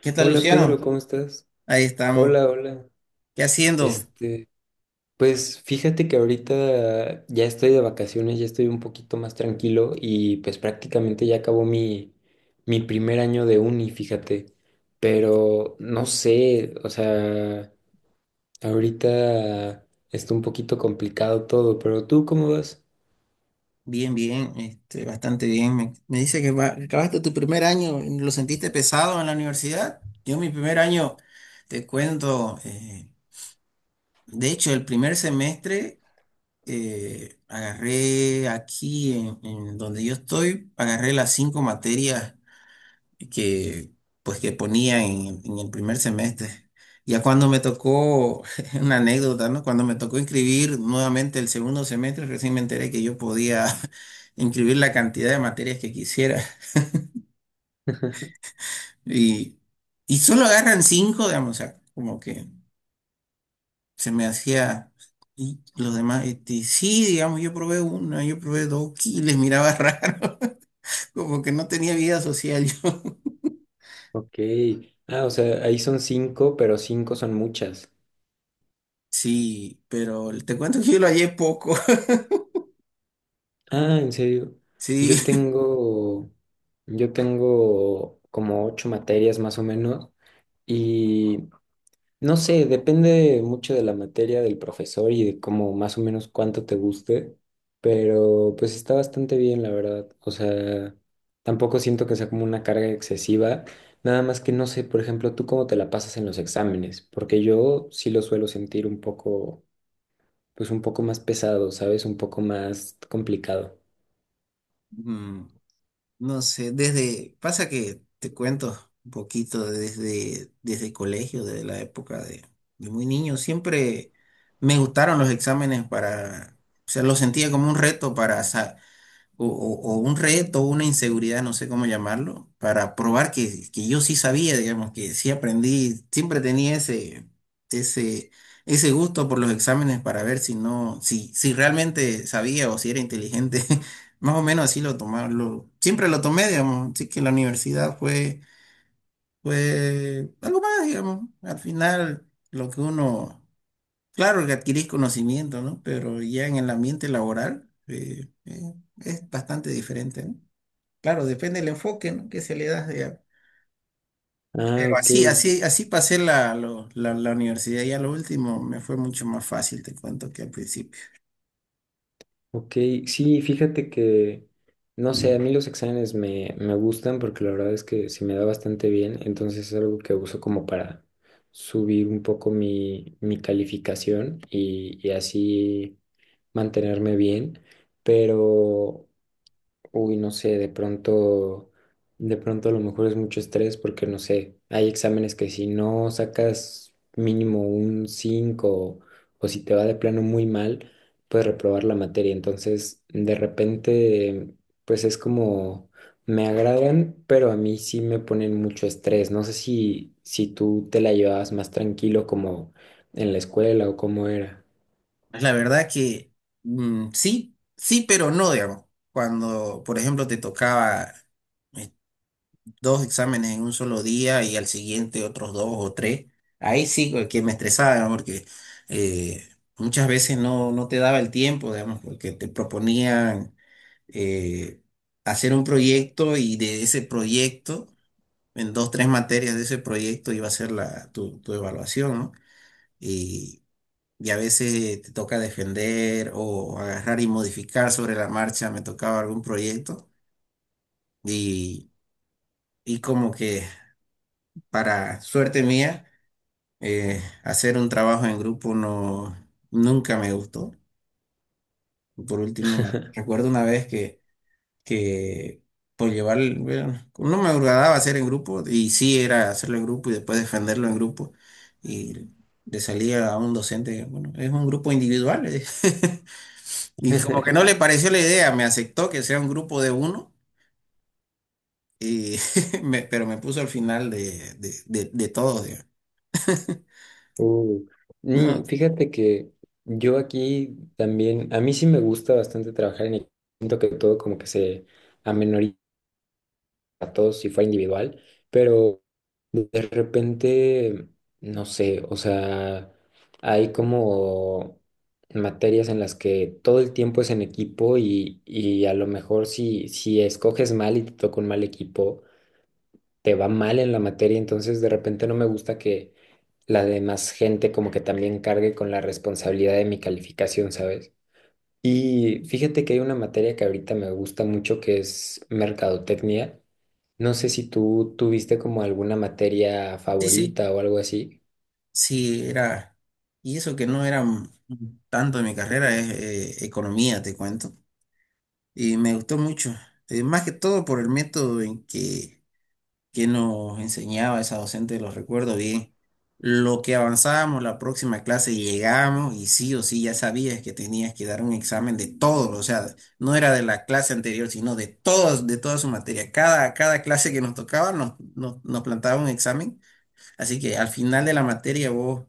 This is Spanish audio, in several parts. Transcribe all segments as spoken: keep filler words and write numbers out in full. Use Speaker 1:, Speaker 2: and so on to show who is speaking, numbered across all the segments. Speaker 1: ¿Qué tal,
Speaker 2: Hola Pedro,
Speaker 1: Luciano?
Speaker 2: ¿cómo estás?
Speaker 1: Ahí estamos.
Speaker 2: Hola, hola.
Speaker 1: ¿Qué haciendo?
Speaker 2: Este, pues fíjate que ahorita ya estoy de vacaciones, ya estoy un poquito más tranquilo y pues prácticamente ya acabó mi, mi primer año de uni, fíjate. Pero no sé, o sea, ahorita está un poquito complicado todo, pero ¿tú cómo vas?
Speaker 1: Bien, bien, este, bastante bien. Me, me dice que va- que acabaste tu primer año, ¿lo sentiste pesado en la universidad? Yo mi primer año, te cuento, eh, de hecho el primer semestre eh, agarré aquí en, en donde yo estoy, agarré las cinco materias que pues que ponía en, en el primer semestre. Ya cuando me tocó, una anécdota, ¿no? Cuando me tocó inscribir nuevamente el segundo semestre, recién me enteré que yo podía inscribir la cantidad de materias que quisiera. Y, y solo agarran cinco, digamos, o sea, como que se me hacía. Y los demás, este, sí, digamos, yo probé una, yo probé dos, y les miraba raro, como que no tenía vida social yo.
Speaker 2: Ok. Ah, o sea, ahí son cinco, pero cinco son muchas.
Speaker 1: Sí, pero te cuento que yo lo hallé poco.
Speaker 2: Ah, ¿en serio?
Speaker 1: Sí,
Speaker 2: Yo tengo, yo tengo como ocho materias más o menos y no sé, depende mucho de la materia, del profesor y de cómo más o menos cuánto te guste, pero pues está bastante bien, la verdad. O sea, tampoco siento que sea como una carga excesiva, nada más que no sé, por ejemplo, tú cómo te la pasas en los exámenes, porque yo sí lo suelo sentir un poco, pues un poco más pesado, ¿sabes? Un poco más complicado.
Speaker 1: mm, no sé, desde, pasa que te cuento un poquito desde, desde el colegio, desde la época de, de muy niño, siempre me gustaron los exámenes para, o sea, los sentía como un reto para sa- o, o- o un reto, una inseguridad, no sé cómo llamarlo, para probar que, que yo sí sabía, digamos, que sí aprendí, siempre tenía ese, ese, ese gusto por los exámenes para ver si no, si, si realmente sabía o si era inteligente. Más o menos así lo tomarlo. Siempre lo tomé, digamos, así que la universidad fue, fue algo más, digamos. Al final, lo que uno. Claro que adquirís conocimiento, ¿no? Pero ya en el ambiente laboral eh, eh, es bastante diferente, ¿no? Claro, depende del enfoque, ¿no?, que se le da. Ya.
Speaker 2: Ah,
Speaker 1: Pero
Speaker 2: ok,
Speaker 1: así, así, así pasé la, lo- la, la universidad y a lo último me fue mucho más fácil, te cuento, que al principio.
Speaker 2: ok. Sí, fíjate que, no sé, a mí los exámenes me, me gustan porque la verdad es que se me da bastante bien, entonces es algo que uso como para subir un poco mi, mi calificación y, y así mantenerme bien, pero uy, no sé, de pronto, de pronto a lo mejor es mucho estrés porque no sé, hay exámenes que si no sacas mínimo un cinco o si te va de plano muy mal, puedes reprobar la materia. Entonces, de repente, pues es como, me agradan, pero a mí sí me ponen mucho estrés. No sé si, si tú te la llevabas más tranquilo como en la escuela o cómo era.
Speaker 1: Pues la verdad que mm, sí, sí, pero no, digamos. Cuando, por ejemplo, te tocaba dos exámenes en un solo día y al siguiente otros dos o tres. Ahí sí que me estresaba, ¿no? Porque eh, muchas veces no, no te daba el tiempo, digamos, porque te proponían eh, hacer un proyecto y de ese proyecto, en dos, tres materias de ese proyecto iba a ser la, tu, tu evaluación, ¿no? Y, y a veces te toca defender o agarrar y modificar sobre la marcha, me tocaba algún proyecto y, y como que para suerte mía, eh, hacer un trabajo en grupo no, nunca me gustó. Por último, me- recuerdo una vez que, que por llevar, el- bueno, no me agradaba hacer en grupo, y sí era hacerlo en grupo y después defenderlo en grupo, y le salía a un docente, bueno, es un grupo individual, le dije. Y como que no le pareció la idea, me aceptó que sea un grupo de uno, y me- pero me puso al final de, de, de, de todos, digamos.
Speaker 2: Uh, mm,
Speaker 1: No,
Speaker 2: Fíjate que yo aquí también, a mí sí me gusta bastante trabajar en equipo, siento que todo como que se amenoriza a todos si fuera individual, pero de repente, no sé, o sea, hay como materias en las que todo el tiempo es en equipo y, y a lo mejor si, si escoges mal y te toca un mal equipo te va mal en la materia, entonces de repente no me gusta que la demás gente como que también cargue con la responsabilidad de mi calificación, ¿sabes? Y fíjate que hay una materia que ahorita me gusta mucho que es mercadotecnia. No sé si tú tuviste como alguna materia
Speaker 1: sí, sí.
Speaker 2: favorita o algo así.
Speaker 1: Sí, era, y eso que no era m- tanto de mi carrera, es eh, economía, te cuento. Y me gustó mucho, eh, más que todo por el método en que, que nos enseñaba esa docente, lo recuerdo bien. Lo que avanzábamos, la próxima clase llegamos y sí o sí ya sabías que tenías que dar un examen de todo, o sea, no era de la clase anterior, sino de todas, de toda su materia. Cada, cada clase que nos tocaba nos, nos, nos plantaba un examen, así que al final de la materia vos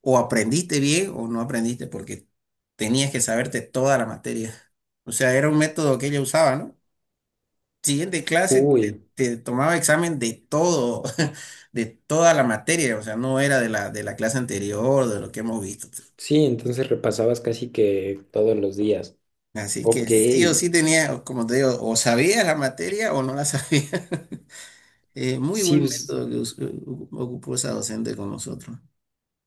Speaker 1: o aprendiste bien o no aprendiste porque tenías que saberte toda la materia. O sea, era un método que ella usaba, ¿no? Siguiente clase te,
Speaker 2: Uy,
Speaker 1: te tomaba examen de todo, de toda la materia, o sea, no era de la, de la clase anterior, de lo que hemos visto.
Speaker 2: sí, entonces repasabas casi que todos los días.
Speaker 1: Así que
Speaker 2: Ok,
Speaker 1: sí o sí tenía, como te digo, o sabías la materia o no la sabías. Eh, muy
Speaker 2: sí,
Speaker 1: buen
Speaker 2: pues,
Speaker 1: método que us- u- ocupó esa docente con nosotros.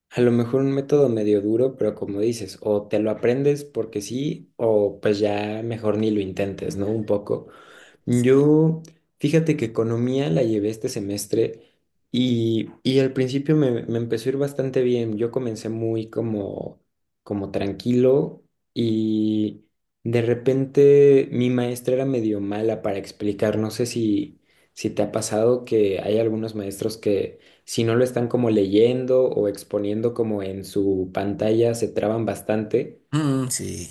Speaker 2: a lo mejor un método medio duro, pero como dices, o te lo aprendes porque sí, o pues ya mejor ni lo intentes, ¿no? Un poco.
Speaker 1: Sí.
Speaker 2: Yo, fíjate que economía la llevé este semestre y, y al principio me, me empezó a ir bastante bien. Yo comencé muy como, como tranquilo y de repente mi maestra era medio mala para explicar. No sé si, si te ha pasado que hay algunos maestros que si no lo están como leyendo o exponiendo como en su pantalla se traban bastante.
Speaker 1: Mm, sí.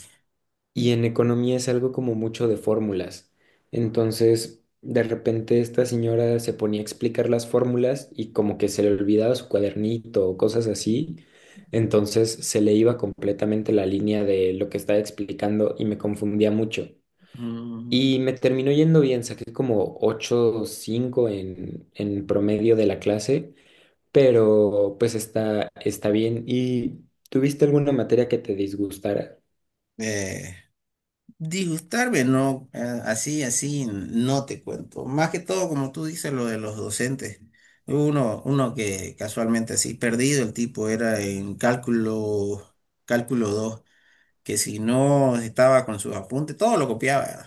Speaker 2: Y en economía es algo como mucho de fórmulas. Entonces, de repente esta señora se ponía a explicar las fórmulas y como que se le olvidaba su cuadernito o cosas así. Entonces se le iba completamente la línea de lo que estaba explicando y me confundía mucho.
Speaker 1: Mm.
Speaker 2: Y me terminó yendo bien, saqué como ocho o cinco en, en promedio de la clase, pero pues está, está bien. ¿Y tuviste alguna materia que te disgustara?
Speaker 1: Eh, disgustarme, no, eh, así, así, no te cuento. Más que todo, como tú dices, lo de los docentes. Uno, uno que casualmente así, perdido el tipo, era en cálculo, cálculo dos que si no estaba con sus apuntes, todo lo copiaba.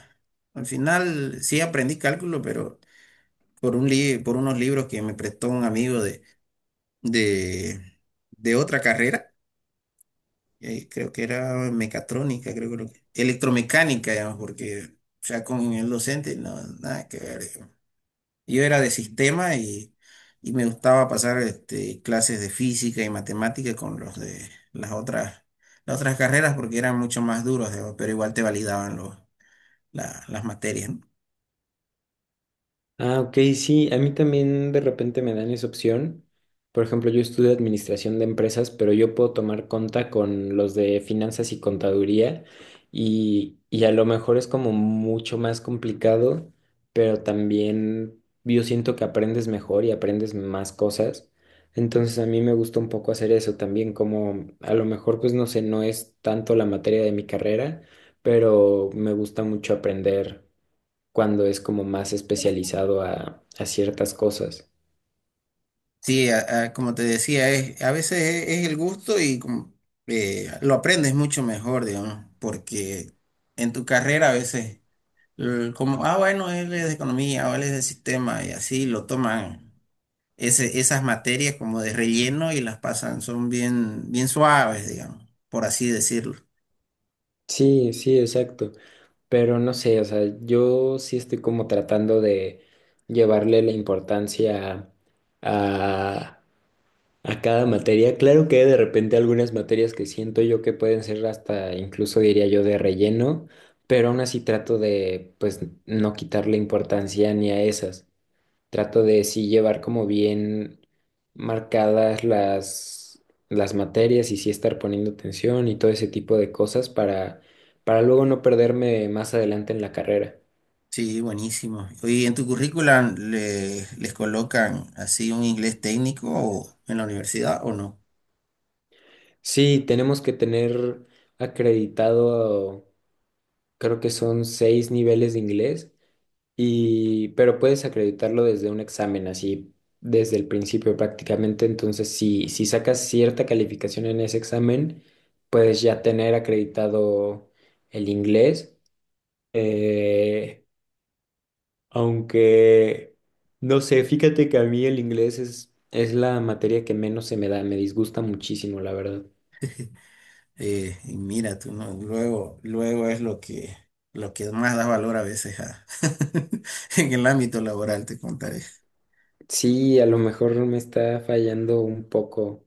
Speaker 1: Al final sí aprendí cálculo, pero por un li- por unos libros que me prestó un amigo de, de, de otra carrera, eh, creo que era mecatrónica, creo que lo que- electromecánica, digamos, porque ya con el docente no, nada que ver, digamos. Yo era de sistema y, y me gustaba pasar este, clases de física y matemática con los de las otras, las otras carreras porque eran mucho más duros, digamos, pero igual te validaban los, la- las materias, ¿no?
Speaker 2: Ah, ok, sí, a mí también de repente me dan esa opción. Por ejemplo, yo estudio administración de empresas, pero yo puedo tomar conta con los de finanzas y contaduría y, y a lo mejor es como mucho más complicado, pero también yo siento que aprendes mejor y aprendes más cosas. Entonces a mí me gusta un poco hacer eso también, como a lo mejor pues no sé, no es tanto la materia de mi carrera, pero me gusta mucho aprender cuando es como más especializado a, a ciertas cosas.
Speaker 1: Sí, a- a- como te decía, es, a veces es, es el gusto y como, eh, lo aprendes mucho mejor, digamos, porque en tu carrera a veces eh, como, ah, bueno, él es de economía o él es de sistema y así lo toman ese, esas materias como de relleno y las pasan, son bien, bien suaves, digamos, por así decirlo.
Speaker 2: Sí, sí, exacto. Pero no sé, o sea, yo sí estoy como tratando de llevarle la importancia a, a cada materia. Claro que de repente algunas materias que siento yo que pueden ser hasta, incluso diría yo, de relleno, pero aún así trato de, pues, no quitarle importancia ni a esas. Trato de sí llevar como bien marcadas las, las materias y sí estar poniendo atención y todo ese tipo de cosas para, para luego no perderme más adelante en la carrera.
Speaker 1: Sí, buenísimo. ¿Y en tu currículum le- les colocan así un inglés técnico o en la universidad o no?
Speaker 2: Sí, tenemos que tener acreditado, creo que son seis niveles de inglés, y pero puedes acreditarlo desde un examen, así, desde el principio prácticamente. Entonces, si, si sacas cierta calificación en ese examen, puedes ya tener acreditado el inglés. Eh, Aunque, no sé, fíjate que a mí el inglés es, es la materia que menos se me da, me disgusta muchísimo, la verdad.
Speaker 1: Eh, y mira, tú no, luego, luego es lo que, lo que más da valor a veces a- en el ámbito laboral, te contaré.
Speaker 2: Sí, a lo mejor me está fallando un poco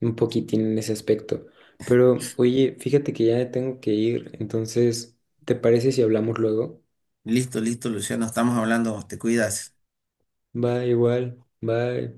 Speaker 2: un poquitín en ese aspecto. Pero oye, fíjate que ya tengo que ir, entonces, ¿te parece si hablamos luego?
Speaker 1: Listo, listo, Luciano, estamos hablando, te cuidas.
Speaker 2: Va igual, bye.